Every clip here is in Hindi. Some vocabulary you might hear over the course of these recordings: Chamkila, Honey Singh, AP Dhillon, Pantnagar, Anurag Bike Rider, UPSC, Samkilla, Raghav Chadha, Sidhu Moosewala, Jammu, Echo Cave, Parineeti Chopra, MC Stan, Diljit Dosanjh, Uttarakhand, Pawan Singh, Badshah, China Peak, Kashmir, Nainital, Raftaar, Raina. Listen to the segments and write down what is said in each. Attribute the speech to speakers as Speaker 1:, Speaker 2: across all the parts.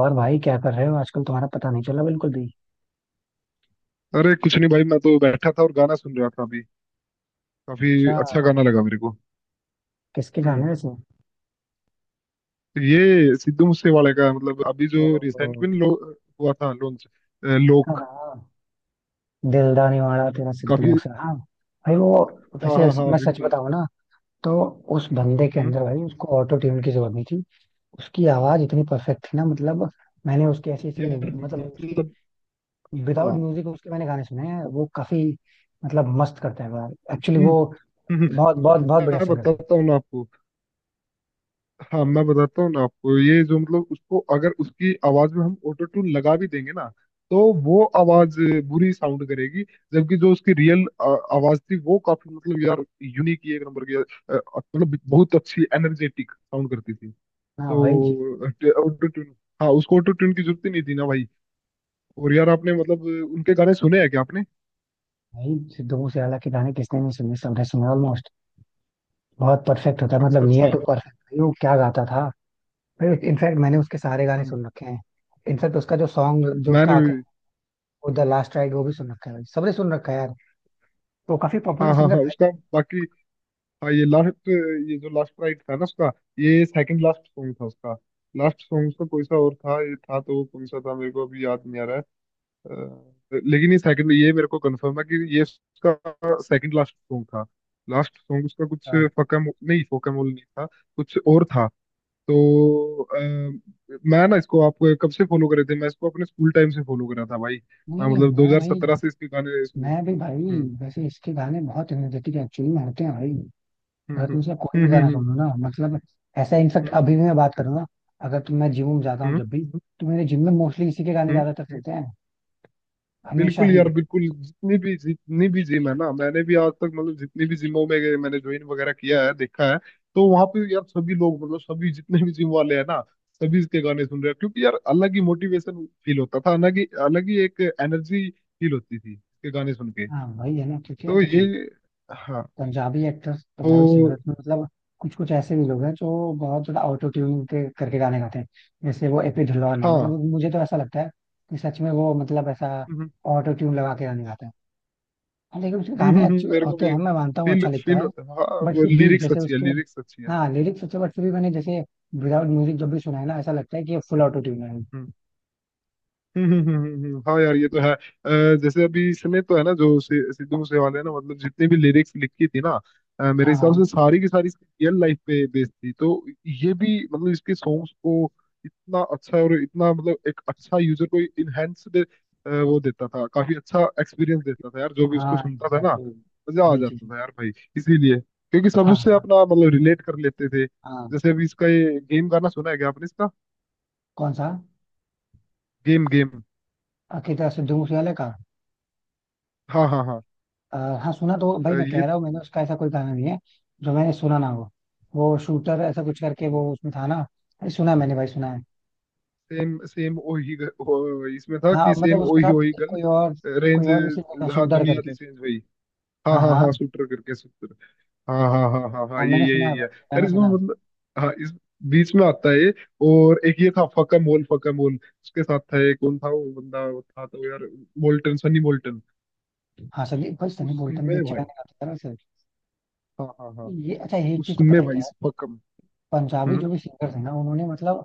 Speaker 1: और भाई क्या कर रहे हो आजकल? तुम्हारा पता नहीं चला बिल्कुल भी।
Speaker 2: अरे कुछ नहीं भाई, मैं तो बैठा था और गाना सुन रहा था। अभी काफी
Speaker 1: अच्छा,
Speaker 2: अच्छा गाना लगा मेरे को।
Speaker 1: किसके जाने
Speaker 2: हम्म।
Speaker 1: वैसे।
Speaker 2: तो ये सिद्धू मूसेवाले का मतलब अभी जो
Speaker 1: ओ,
Speaker 2: रिसेंट में लो, हुआ था लॉन्च।
Speaker 1: हाँ
Speaker 2: लोक
Speaker 1: हाँ, दिलदार निवाड़ा तेरा सिद्धू
Speaker 2: काफी।
Speaker 1: मूसा। हाँ भाई वो,
Speaker 2: हाँ
Speaker 1: वैसे
Speaker 2: हाँ हाँ,
Speaker 1: मैं सच
Speaker 2: बिल्कुल।
Speaker 1: बताऊं ना तो उस बंदे के
Speaker 2: हम्म
Speaker 1: अंदर भाई, उसको ऑटो ट्यून की जरूरत नहीं थी। उसकी आवाज इतनी परफेक्ट थी ना, मतलब मैंने उसकी ऐसी ऐसी
Speaker 2: यार
Speaker 1: उसकी
Speaker 2: मतलब।
Speaker 1: विदाउट
Speaker 2: हाँ।
Speaker 1: म्यूजिक उसके मैंने गाने सुने हैं। वो काफी मतलब मस्त करता है यार। एक्चुअली
Speaker 2: हम्म।
Speaker 1: वो
Speaker 2: हम्म।
Speaker 1: बहुत बहुत बहुत बढ़िया
Speaker 2: मैं
Speaker 1: सिंगर था।
Speaker 2: बताता हूँ ना आपको। हाँ, मैं बताता हूँ ना आपको। ये जो मतलब उसको अगर उसकी आवाज में हम ऑटो ट्यून लगा भी देंगे ना तो वो आवाज बुरी साउंड करेगी। जबकि जो उसकी रियल आवाज थी वो काफी मतलब यार यूनिक ही एक नंबर की मतलब बहुत अच्छी एनर्जेटिक साउंड करती थी।
Speaker 1: हाँ वही जी।
Speaker 2: तो ऑटो ट्यून, हाँ उसको ऑटो ट्यून की जरूरत ही नहीं थी ना भाई। और यार आपने मतलब उनके गाने सुने हैं क्या आपने?
Speaker 1: भाई सिद्धू मूसेवाला के गाने किसने नहीं सुने? सबने सुने ऑलमोस्ट। बहुत परफेक्ट होता है, मतलब
Speaker 2: अच्छा,
Speaker 1: नियर
Speaker 2: अच्छा।
Speaker 1: To perfect. भाई वो क्या गाता था! भाई इनफैक्ट मैंने उसके सारे गाने
Speaker 2: हम्म।
Speaker 1: सुन रखे हैं। इनफैक्ट उसका जो सॉन्ग, जो उसका
Speaker 2: मैंने
Speaker 1: आखिरी
Speaker 2: भी।
Speaker 1: वो द लास्ट राइड, वो भी सुन रखा है भाई। सबने सुन रखा है यार। वो काफी पॉपुलर
Speaker 2: हाँ हाँ
Speaker 1: सिंगर
Speaker 2: हाँ,
Speaker 1: था।
Speaker 2: उसका बाकी। हाँ, ये लास्ट, ये जो लास्ट राइट था ना उसका, ये सेकंड लास्ट सॉन्ग था उसका। लास्ट सॉन्ग उसका कोई सा और था, ये था तो वो कौन सा था मेरे को अभी याद नहीं आ रहा है। लेकिन ये सेकंड, ये मेरे को कंफर्म है कि ये उसका सेकंड लास्ट सॉन्ग था। लास्ट सॉन्ग उसका कुछ
Speaker 1: हाँ।
Speaker 2: फकम नहीं फोकमोल नहीं था, कुछ और था। तो, मैं ना इसको आपको कब से फॉलो करे थे, मैं इसको अपने स्कूल टाइम से फॉलो करा था भाई।
Speaker 1: नहीं
Speaker 2: मैं
Speaker 1: नहीं
Speaker 2: मतलब
Speaker 1: मैं भाई,
Speaker 2: 2017 से इसके गाने सुने।
Speaker 1: मैं भी भाई
Speaker 2: हम्म।
Speaker 1: वैसे इसके गाने बहुत एनर्जेटिक एक्चुअली में होते हैं भाई।
Speaker 2: हम्म।
Speaker 1: अगर
Speaker 2: हम्म।
Speaker 1: तुम इसका कोई भी
Speaker 2: हम्म।
Speaker 1: गाना
Speaker 2: हम्म।
Speaker 1: सुनो ना, मतलब ऐसा इनफेक्ट
Speaker 2: हम्म।
Speaker 1: अभी भी मैं बात करूँ ना, अगर तुम, मैं जिम में जाता
Speaker 2: हम्म।
Speaker 1: हूँ
Speaker 2: हम्म।
Speaker 1: जब भी, तो मेरे जिम में मोस्टली इसी के गाने
Speaker 2: हम्म।
Speaker 1: ज्यादातर चलते हैं, हमेशा
Speaker 2: बिल्कुल
Speaker 1: ही।
Speaker 2: यार बिल्कुल, जितनी भी जिम है ना, मैंने भी आज तक मतलब जितनी भी जिमों में गए, मैंने ज्वाइन वगैरह किया है, देखा है। तो वहां पे यार सभी लोग मतलब सभी जितने भी जिम वाले हैं ना, सभी इसके गाने सुन रहे हैं, क्योंकि यार अलग ही मोटिवेशन फील होता था, अलग ही एक एनर्जी फील होती थी इसके गाने सुन के।
Speaker 1: हाँ वही है ना, क्योंकि यार
Speaker 2: तो ये,
Speaker 1: देखो
Speaker 2: हाँ,
Speaker 1: पंजाबी एक्टर्स
Speaker 2: तो
Speaker 1: पंजाबी सिंगर्स में मतलब कुछ कुछ ऐसे भी लोग हैं जो बहुत ज्यादा ऑटो ट्यूनिंग के करके गाने गाते हैं। जैसे वो एपी ढिल्लों है,
Speaker 2: हाँ।
Speaker 1: मतलब मुझे तो ऐसा लगता है कि सच में वो मतलब ऐसा
Speaker 2: हम्म।
Speaker 1: ऑटो ट्यून लगा के गाने गाते हैं। हाँ, लेकिन उसके
Speaker 2: हम्म।
Speaker 1: गाने
Speaker 2: हम्म।
Speaker 1: अच्छे
Speaker 2: मेरे को
Speaker 1: होते
Speaker 2: भी
Speaker 1: हैं, मैं मानता हूँ
Speaker 2: फील
Speaker 1: अच्छा लिखता
Speaker 2: फील
Speaker 1: है।
Speaker 2: होता है। हाँ,
Speaker 1: बट
Speaker 2: वो
Speaker 1: फिर भी
Speaker 2: लिरिक्स
Speaker 1: जैसे
Speaker 2: अच्छी है,
Speaker 1: उसके,
Speaker 2: लिरिक्स अच्छी है।
Speaker 1: हाँ लिरिक्स अच्छे, बट फिर भी मैंने जैसे विदाउट म्यूजिक जब भी सुना है ना, ऐसा लगता है कि ये फुल ऑटो ट्यून है।
Speaker 2: हम्म। हम्म। हम्म। हम्म। हम्म। हाँ यार ये तो है, जैसे अभी इसने तो है ना, जो सिद्धू मूसेवाले ने ना, मतलब जितनी भी लिरिक्स लिखी थी ना। मेरे
Speaker 1: हाँ
Speaker 2: हिसाब
Speaker 1: हाँ।
Speaker 2: से सारी की सारी इसकी रियल लाइफ पे बेस्ड थी, तो ये भी मतलब इसके सॉन्ग्स को इतना अच्छा और इतना मतलब एक अच्छा यूजर को इनहेंस्ड वो देता था, काफी अच्छा एक्सपीरियंस देता था यार जो भी उसको
Speaker 1: हाँ
Speaker 2: सुनता था ना।
Speaker 1: एग्जैक्टली,
Speaker 2: मजा आ
Speaker 1: वही चीज।
Speaker 2: जाता था यार भाई। इसीलिए, क्योंकि सब
Speaker 1: हाँ
Speaker 2: उससे
Speaker 1: हाँ
Speaker 2: अपना मतलब रिलेट कर लेते थे।
Speaker 1: हाँ।
Speaker 2: जैसे अभी इसका ये गेम गाना सुना है क्या आपने इसका?
Speaker 1: कौन सा?
Speaker 2: Game game.
Speaker 1: अकेता सिद्धू मूसेवाला का?
Speaker 2: हाँ हाँ हाँ।
Speaker 1: अ, हाँ सुना तो, भाई मैं कह
Speaker 2: ये
Speaker 1: रहा हूँ मैंने उसका ऐसा कोई गाना नहीं है जो मैंने सुना ना हो। वो शूटर ऐसा कुछ करके वो उसमें था ना, अरे सुना है मैंने भाई, सुना है।
Speaker 2: सेम सेम ओही इसमें था
Speaker 1: हाँ
Speaker 2: कि
Speaker 1: मतलब
Speaker 2: सेम
Speaker 1: उसके
Speaker 2: ओही
Speaker 1: साथ
Speaker 2: ओही
Speaker 1: एक
Speaker 2: गन
Speaker 1: कोई और, कोई
Speaker 2: रेंज।
Speaker 1: और भी सिंगर था
Speaker 2: हाँ
Speaker 1: शूटर
Speaker 2: दुनिया
Speaker 1: करके।
Speaker 2: दी चेंज हुई।
Speaker 1: हाँ
Speaker 2: हाँ हाँ
Speaker 1: हाँ
Speaker 2: हाँ, शूटर करके, शूटर। हाँ हाँ हाँ हाँ हाँ,
Speaker 1: हाँ,
Speaker 2: ये
Speaker 1: मैंने
Speaker 2: ये
Speaker 1: सुना
Speaker 2: ये
Speaker 1: है
Speaker 2: ये
Speaker 1: भाई,
Speaker 2: यार
Speaker 1: गाना
Speaker 2: इसमें
Speaker 1: सुना है।
Speaker 2: मतलब। हाँ, इस बीच में आता है ये। और एक ये था, फका मोल उसके साथ था, ये कौन था वो बंदा, वो था तो यार। Molten, Sunny molten.
Speaker 1: हाँ संदीप भाई, सनी
Speaker 2: उसमें
Speaker 1: बोल्टन भी अच्छे
Speaker 2: भाई।
Speaker 1: गाने गाते हैं यार वैसे।
Speaker 2: हाँ हाँ हाँ।
Speaker 1: ये अच्छा, ये एक चीज तो पता
Speaker 2: उसमें
Speaker 1: है
Speaker 2: भाई
Speaker 1: क्या है?
Speaker 2: इस फकम।
Speaker 1: पंजाबी
Speaker 2: हम्म।
Speaker 1: जो भी सिंगर्स हैं ना, उन्होंने मतलब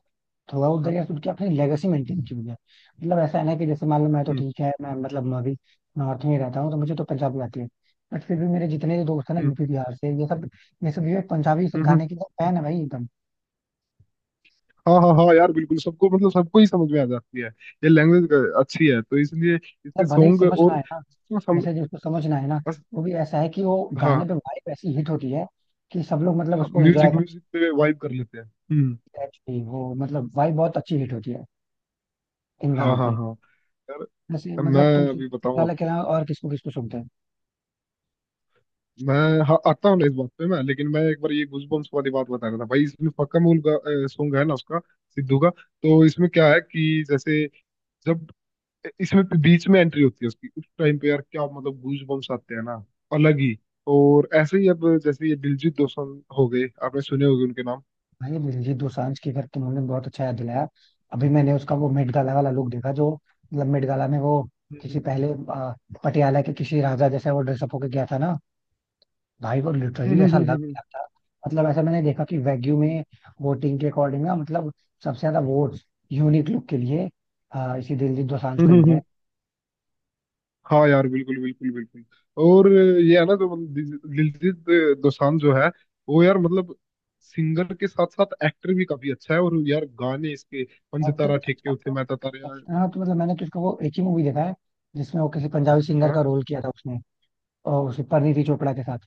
Speaker 1: throughout the
Speaker 2: hmm.
Speaker 1: Years उनकी अपनी लेगेसी मेंटेन की हुई है। मतलब ऐसा है ना कि जैसे मान लो, मैं तो
Speaker 2: हम्म।
Speaker 1: ठीक है, मैं मतलब मैं भी नॉर्थ में रहता हूँ तो मुझे तो पंजाबी आती है, बट फिर भी मेरे जितने भी दोस्त हैं ना
Speaker 2: हम्म।
Speaker 1: यूपी बिहार से, ये सब ये सब ये पंजाबी
Speaker 2: हम्म।
Speaker 1: गाने के फैन है भाई, एकदम।
Speaker 2: हाँ हाँ हाँ यार, बिल्कुल सबको मतलब सबको ही समझ में आ जाती है ये लैंग्वेज। अच्छी है, तो इसलिए इसके
Speaker 1: मतलब भले ही
Speaker 2: सॉन्ग
Speaker 1: समझ ना
Speaker 2: और
Speaker 1: आए ना,
Speaker 2: इसमें सम,
Speaker 1: जैसे जिसको समझ ना आए ना,
Speaker 2: अस,
Speaker 1: वो भी ऐसा है कि वो गाने
Speaker 2: हाँ
Speaker 1: पे वाइब ऐसी हिट होती है कि सब लोग मतलब
Speaker 2: हाँ,
Speaker 1: उसको एंजॉय
Speaker 2: म्यूजिक
Speaker 1: करते
Speaker 2: म्यूजिक पे वाइब कर लेते हैं। हम्म।
Speaker 1: हैं actually। वो मतलब वाइब बहुत अच्छी हिट होती है इन
Speaker 2: हाँ
Speaker 1: गानों
Speaker 2: हाँ
Speaker 1: पे।
Speaker 2: हाँ यार।
Speaker 1: जैसे
Speaker 2: मैं
Speaker 1: मतलब तुम
Speaker 2: अभी बताऊँ
Speaker 1: सिर्फ के
Speaker 2: आपको,
Speaker 1: अलावा और किसको किसको सुनते हो?
Speaker 2: मैं। हाँ, आता हूँ ना इस बात पे मैं, लेकिन मैं एक बार ये गूजबम्प्स वाली बात बता रहा था भाई। इसमें पक्का मूल का सॉन्ग है ना उसका, सिद्धू का। तो इसमें क्या है कि जैसे जब इसमें भी बीच में एंट्री होती है उसकी, उस टाइम पे यार क्या मतलब गूज बम्स आते हैं ना, अलग ही। और ऐसे ही अब जैसे ये दिलजीत दोसांझ हो गए, आपने सुने होंगे उनके नाम।
Speaker 1: भाई दिलजीत दोसांझ की, अगर तुमने, बहुत अच्छा याद दिलाया। अभी मैंने उसका वो मेट गाला वाला लुक देखा जो, मतलब मेट गाला में वो किसी पहले पटियाला के किसी राजा जैसा वो ड्रेसअप होके गया था ना। भाई वो लिटरली ऐसा लग
Speaker 2: हम्म।
Speaker 1: रहा था, मतलब ऐसा मैंने देखा कि वैग्यू में वोटिंग के अकॉर्डिंग ना, मतलब सबसे ज्यादा वोट यूनिक लुक के लिए इसी दिलजीत दोसांझ को मिले।
Speaker 2: हाँ यार, बिल्कुल बिल्कुल बिल्कुल। और ये है ना जो मतलब दिलजीत दोसांझ जो है, वो यार मतलब सिंगर के साथ साथ एक्टर भी काफी अच्छा है, और यार गाने इसके, पंज तारा
Speaker 1: एक्टर,
Speaker 2: ठेके उते मैं तारा।
Speaker 1: हाँ तो मतलब मैंने तो इसका वो एक ही मूवी देखा है, जिसमें वो किसी पंजाबी सिंगर का
Speaker 2: हाँ।
Speaker 1: रोल किया था उसने, और उसे परिणीति चोपड़ा के साथ,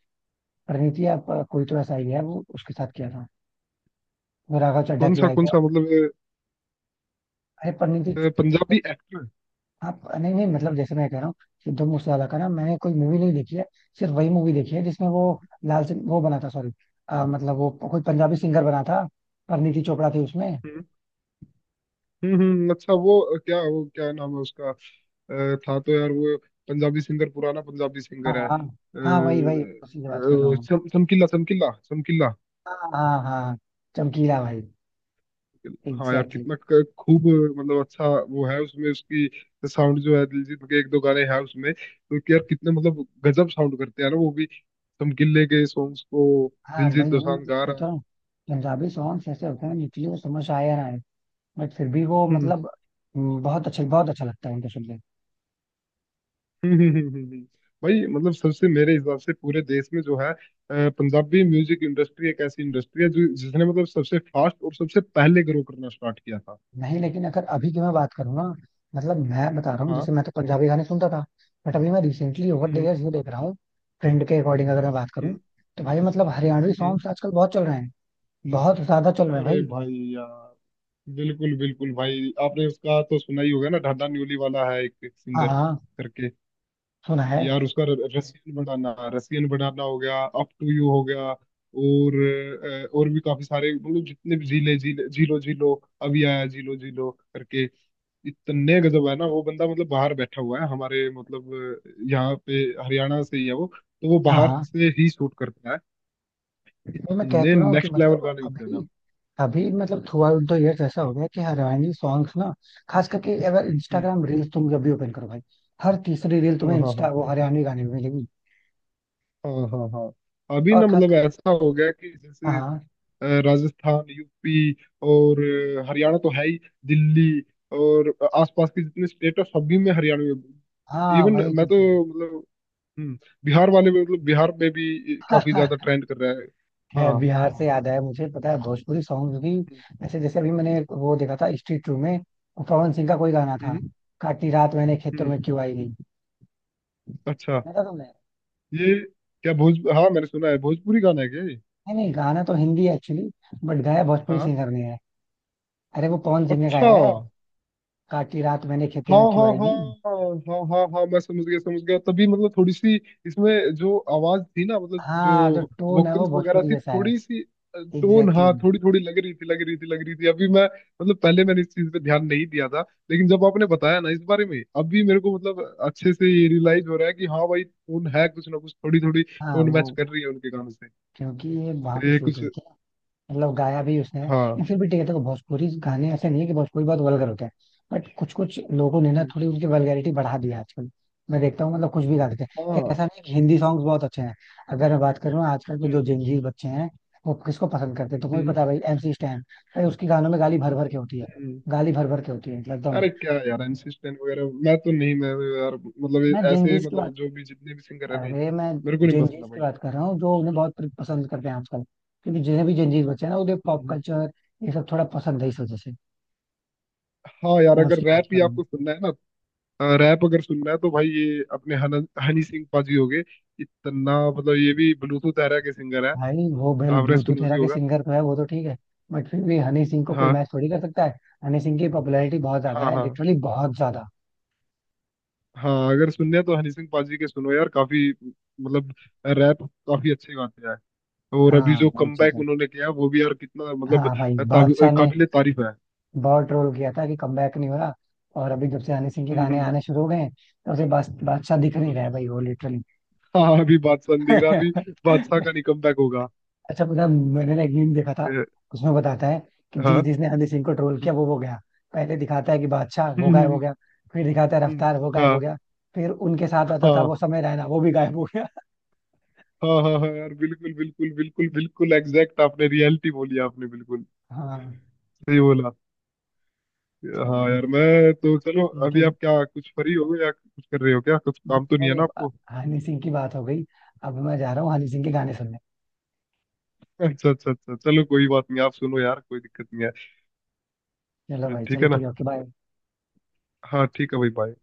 Speaker 1: परिणीति आप, कोई तो ऐसा ही है वो उसके साथ किया था। वो राघव चड्ढा की वाइफ
Speaker 2: कौन
Speaker 1: है।
Speaker 2: सा मतलब?
Speaker 1: अरे परिणीति
Speaker 2: पंजाबी एक्टर।
Speaker 1: आप नहीं नहीं, मतलब जैसे मैं कह रहा हूँ सिद्धू मूसेवाला का ना मैंने कोई मूवी नहीं देखी है। सिर्फ वही मूवी देखी है जिसमें वो लाल सिंह वो बना था, सॉरी, मतलब वो कोई पंजाबी सिंगर बना था, परिणीति चोपड़ा थी उसमें।
Speaker 2: हम्म। अच्छा वो क्या नाम है उसका? था तो यार वो पंजाबी सिंगर, पुराना पंजाबी
Speaker 1: हाँ
Speaker 2: सिंगर है,
Speaker 1: हाँ हाँ, वही वही उसी से बात कर रहा हूँ।
Speaker 2: समकिल्ला समकिल्ला समकिल्ला।
Speaker 1: हाँ हाँ हाँ, चमकीला भाई,
Speaker 2: हाँ यार
Speaker 1: एग्जैक्टली exactly।
Speaker 2: कितना खूब मतलब अच्छा वो है उसमें, उसकी साउंड जो है, दिलजीत के एक दो गाने हैं उसमें तो कि यार कितने मतलब गजब साउंड करते हैं ना वो भी समकिल्ले के सॉन्ग्स को,
Speaker 1: हाँ
Speaker 2: दिलजीत
Speaker 1: वही है ना,
Speaker 2: दोसांझ
Speaker 1: मतलब
Speaker 2: गा रहा
Speaker 1: कहता
Speaker 2: है।
Speaker 1: हूँ पंजाबी सॉन्ग्स ऐसे होते हैं
Speaker 2: हम्म।
Speaker 1: निकले, वो समझ आया ना। बट फिर भी वो
Speaker 2: हम्म।
Speaker 1: मतलब, बहुत अच्छा लगता है उनको सुन के।
Speaker 2: हम्म। हम्म। हम्म। हम्म। हम्म। भाई मतलब सबसे मेरे हिसाब से पूरे देश में जो है पंजाबी म्यूजिक इंडस्ट्री एक ऐसी इंडस्ट्री है जो जिसने मतलब सबसे फास्ट और सबसे पहले ग्रो करना स्टार्ट किया था।
Speaker 1: नहीं लेकिन अगर अभी की मैं बात करूँ ना, मतलब मैं बता रहा हूँ,
Speaker 2: हाँ।
Speaker 1: जैसे मैं तो पंजाबी गाने सुनता था बट अभी मैं recently over the
Speaker 2: hmm.
Speaker 1: Years ये देख रहा हूँ, ट्रेंड के अकॉर्डिंग अगर मैं बात करूँ
Speaker 2: हम्म।
Speaker 1: तो भाई, मतलब हरियाणवी
Speaker 2: हम्म।
Speaker 1: सॉन्ग्स आजकल बहुत चल रहे हैं। बहुत ज्यादा चल रहे हैं
Speaker 2: अरे
Speaker 1: भाई।
Speaker 2: भाई यार बिल्कुल बिल्कुल भाई, आपने उसका तो सुना ही होगा ना, ढाडा न्यूली वाला है एक
Speaker 1: हाँ
Speaker 2: सिंगर
Speaker 1: हाँ,
Speaker 2: करके।
Speaker 1: सुना है।
Speaker 2: यार उसका रसियन बनाना, रसियन बनाना हो गया, अप टू यू हो गया। और और भी काफी सारे मतलब, जितने भी जीले जीले जीलो जीलो, अभी आया जीलो जीलो करके। इतने गजब है ना वो बंदा, मतलब बाहर बैठा हुआ है हमारे मतलब यहाँ पे, हरियाणा से ही है वो तो, वो
Speaker 1: हाँ
Speaker 2: बाहर
Speaker 1: हाँ,
Speaker 2: से ही शूट करता है।
Speaker 1: तो मैं कह
Speaker 2: इतने
Speaker 1: तो रहा हूँ कि
Speaker 2: नेक्स्ट लेवल
Speaker 1: मतलब
Speaker 2: गाने होते हैं
Speaker 1: अभी,
Speaker 2: ना।
Speaker 1: अभी मतलब थ्रू आउट द इयर्स ऐसा हो गया कि हरियाणवी सॉन्ग्स ना, खास करके अगर
Speaker 2: हम्म,
Speaker 1: इंस्टाग्राम रील्स तुम जब भी ओपन करो भाई, हर तीसरी रील तुम्हें
Speaker 2: हाँ हाँ
Speaker 1: इंस्टा
Speaker 2: हाँ
Speaker 1: वो हरियाणवी गाने में मिलेगी।
Speaker 2: हाँ हाँ हाँ, अभी
Speaker 1: और
Speaker 2: ना
Speaker 1: खास,
Speaker 2: मतलब ऐसा हो गया कि जैसे
Speaker 1: हाँ
Speaker 2: राजस्थान, यूपी और हरियाणा तो है ही, दिल्ली और आसपास के जितने स्टेट है सभी में, हरियाणा में।
Speaker 1: हाँ
Speaker 2: इवन
Speaker 1: वही
Speaker 2: मैं
Speaker 1: चीज
Speaker 2: तो
Speaker 1: है।
Speaker 2: मतलब हम्म, बिहार वाले में मतलब बिहार में भी काफी ज्यादा ट्रेंड कर रहा है।
Speaker 1: है
Speaker 2: हाँ।
Speaker 1: बिहार से याद आया मुझे, पता है भोजपुरी सॉन्ग भी ऐसे, जैसे अभी मैंने वो देखा था स्ट्रीट टू में, वो पवन सिंह का कोई गाना था,
Speaker 2: हम्म।
Speaker 1: काटी रात मैंने खेतों
Speaker 2: हम्म।
Speaker 1: में क्यों आई नहीं,
Speaker 2: अच्छा
Speaker 1: सुना था तुमने?
Speaker 2: ये क्या भोज हाँ मैंने सुना है, भोजपुरी गाना है क्या ये?
Speaker 1: नहीं नहीं, गाना तो हिंदी है एक्चुअली बट गाया
Speaker 2: हाँ
Speaker 1: भोजपुरी
Speaker 2: हाँ।
Speaker 1: सिंगर ने है। अरे वो पवन सिंह ने
Speaker 2: अच्छा,
Speaker 1: गाया है, काटी रात मैंने खेते
Speaker 2: हाँ
Speaker 1: में क्यों
Speaker 2: हाँ
Speaker 1: आई
Speaker 2: हाँ
Speaker 1: नहीं।
Speaker 2: हाँ हाँ हाँ हाँ, मैं समझ गया समझ गया, तभी मतलब थोड़ी सी इसमें जो आवाज थी ना, मतलब जो
Speaker 1: हाँ जो टोन है वो
Speaker 2: वोकल्स वगैरह
Speaker 1: भोजपुरी
Speaker 2: थी,
Speaker 1: जैसा है।
Speaker 2: थोड़ी सी टोन,
Speaker 1: एग्जैक्टली
Speaker 2: हाँ
Speaker 1: exactly।
Speaker 2: थोड़ी थोड़ी लग रही थी लग रही थी लग रही थी। अभी मैं मतलब पहले मैंने इस चीज पे ध्यान नहीं दिया था। लेकिन जब आपने बताया ना इस बारे में, अभी मेरे को मतलब अच्छे से ये रियलाइज हो रहा है कि हाँ भाई टोन है, कुछ ना कुछ थोड़ी थोड़ी
Speaker 1: हाँ
Speaker 2: टोन
Speaker 1: वो
Speaker 2: मैच कर रही है उनके गानों से,
Speaker 1: क्योंकि ये वहां पे
Speaker 2: ये
Speaker 1: शूट
Speaker 2: कुछ।
Speaker 1: हुई थी मतलब गाया भी उसने है
Speaker 2: हाँ।
Speaker 1: लेकिन। फिर भी ठीक है, देखो भोजपुरी
Speaker 2: हम्म।
Speaker 1: गाने ऐसे नहीं है कि भोजपुरी बहुत वल्गर होते हैं, बट कुछ कुछ लोगों ने ना
Speaker 2: हम्म।
Speaker 1: थोड़ी उनकी वल्गैरिटी बढ़ा दी है आजकल। मैं देखता हूँ मतलब कुछ भी गा देते हैं। खैर,
Speaker 2: हाँ।
Speaker 1: ऐसा नहीं है कि हिंदी सॉन्ग्स बहुत अच्छे हैं अगर मैं बात करूँ आजकल, तो जो
Speaker 2: हम्म।
Speaker 1: जंजीर बच्चे हैं वो किसको पसंद करते हैं तुमको भी
Speaker 2: हम्म।
Speaker 1: पता है भाई, एमसी स्टैन। भाई उसके गानों में गाली भर भर के होती है।
Speaker 2: हम्म।
Speaker 1: गाली भर भर के होती है मतलब एकदम।
Speaker 2: अरे क्या यार, इंसिस्टेंट वगैरह मैं तो नहीं, मैं तो यार मतलब ये
Speaker 1: मैं
Speaker 2: ऐसे
Speaker 1: जंजीर की बात,
Speaker 2: मतलब जो भी जितने भी सिंगर है ना,
Speaker 1: अरे मैं
Speaker 2: मेरे को नहीं
Speaker 1: जंजीर
Speaker 2: पसंद है
Speaker 1: की
Speaker 2: भाई।
Speaker 1: बात कर रहा हूँ जो उन्हें बहुत पसंद करते हैं आजकल, क्योंकि जिन्हें भी जंजीर बच्चे हैं ना उन्हें पॉप
Speaker 2: हम्म।
Speaker 1: कल्चर ये सब थोड़ा पसंद है इस वजह से।
Speaker 2: हाँ यार,
Speaker 1: मैं
Speaker 2: अगर
Speaker 1: उसकी बात
Speaker 2: रैप
Speaker 1: कर
Speaker 2: ही
Speaker 1: रहा हूँ।
Speaker 2: आपको सुनना है ना, रैप अगर सुनना है तो भाई ये अपने हनी सिंह पाजी हो गए। इतना मतलब, ये भी ब्लूटूथ एरा के सिंगर है,
Speaker 1: भाई वो बेल
Speaker 2: आपने
Speaker 1: ब्लूटूथ
Speaker 2: सुना
Speaker 1: एरा
Speaker 2: भी
Speaker 1: के
Speaker 2: होगा।
Speaker 1: सिंगर तो है, वो तो ठीक है, बट फिर भी हनी सिंह को कोई
Speaker 2: हाँ
Speaker 1: मैच थोड़ी कर सकता है। हनी सिंह की पॉपुलैरिटी बहुत ज्यादा
Speaker 2: हाँ।
Speaker 1: है,
Speaker 2: हाँ
Speaker 1: लिटरली बहुत ज्यादा।
Speaker 2: हाँ, अगर सुनने हैं तो हनी सिंह पाजी के सुनो यार, काफी मतलब रैप काफी अच्छे गाते हैं। और अभी
Speaker 1: हाँ
Speaker 2: जो
Speaker 1: वही चीज
Speaker 2: कमबैक
Speaker 1: है।
Speaker 2: उन्होंने किया, वो भी यार कितना मतलब
Speaker 1: हाँ भाई बादशाह ने
Speaker 2: काबिले तारीफ है।
Speaker 1: बहुत ट्रोल किया था कि कमबैक नहीं हो रहा, और अभी जब से हनी सिंह के
Speaker 2: हम्म।
Speaker 1: गाने
Speaker 2: हम्म। हम्म।
Speaker 1: आने शुरू हो गए हैं तब से बादशाह दिख नहीं
Speaker 2: हम्म।
Speaker 1: रहा है भाई, वो लिटरली
Speaker 2: हाँ अभी बादशाह नहीं दिख रहा, अभी बादशाह का नहीं कमबैक होगा।
Speaker 1: अच्छा पता, मैंने ना एक मीम देखा था,
Speaker 2: अ,
Speaker 1: उसमें बताता है कि
Speaker 2: हाँ।
Speaker 1: जिस जिसने हनी सिंह को ट्रोल
Speaker 2: हम्म।
Speaker 1: किया वो गया। पहले दिखाता है कि बादशाह
Speaker 2: हम्म।
Speaker 1: वो
Speaker 2: हम्म।
Speaker 1: गायब हो
Speaker 2: हम्म।
Speaker 1: गया, फिर दिखाता है
Speaker 2: हम्म।
Speaker 1: रफ्तार वो गायब हो
Speaker 2: हाँ
Speaker 1: गया, फिर उनके साथ आता था
Speaker 2: हाँ
Speaker 1: वो समय रैना, वो भी गायब हो गया।
Speaker 2: हाँ हाँ हाँ यार, बिल्कुल बिल्कुल बिल्कुल बिल्कुल एग्जैक्ट, आपने रियलिटी बोली, आपने बिल्कुल
Speaker 1: हाँ,
Speaker 2: सही बोला।
Speaker 1: अच्छा
Speaker 2: हाँ
Speaker 1: भाई
Speaker 2: यार मैं तो, चलो अभी
Speaker 1: इनके,
Speaker 2: आप क्या कुछ फ्री हो गए या कुछ कर रहे हो क्या, कुछ काम तो नहीं है
Speaker 1: भाई
Speaker 2: ना
Speaker 1: अब
Speaker 2: आपको?
Speaker 1: हनी सिंह की बात हो गई, अब मैं जा रहा हूँ हनी सिंह के गाने सुनने।
Speaker 2: अच्छा अच्छा अच्छा, चलो कोई बात नहीं, आप सुनो यार, कोई दिक्कत नहीं
Speaker 1: चलो
Speaker 2: है,
Speaker 1: भाई,
Speaker 2: ठीक
Speaker 1: चलो
Speaker 2: है ना।
Speaker 1: ठीक है, ओके बाय।
Speaker 2: हाँ ठीक है भाई, बाय।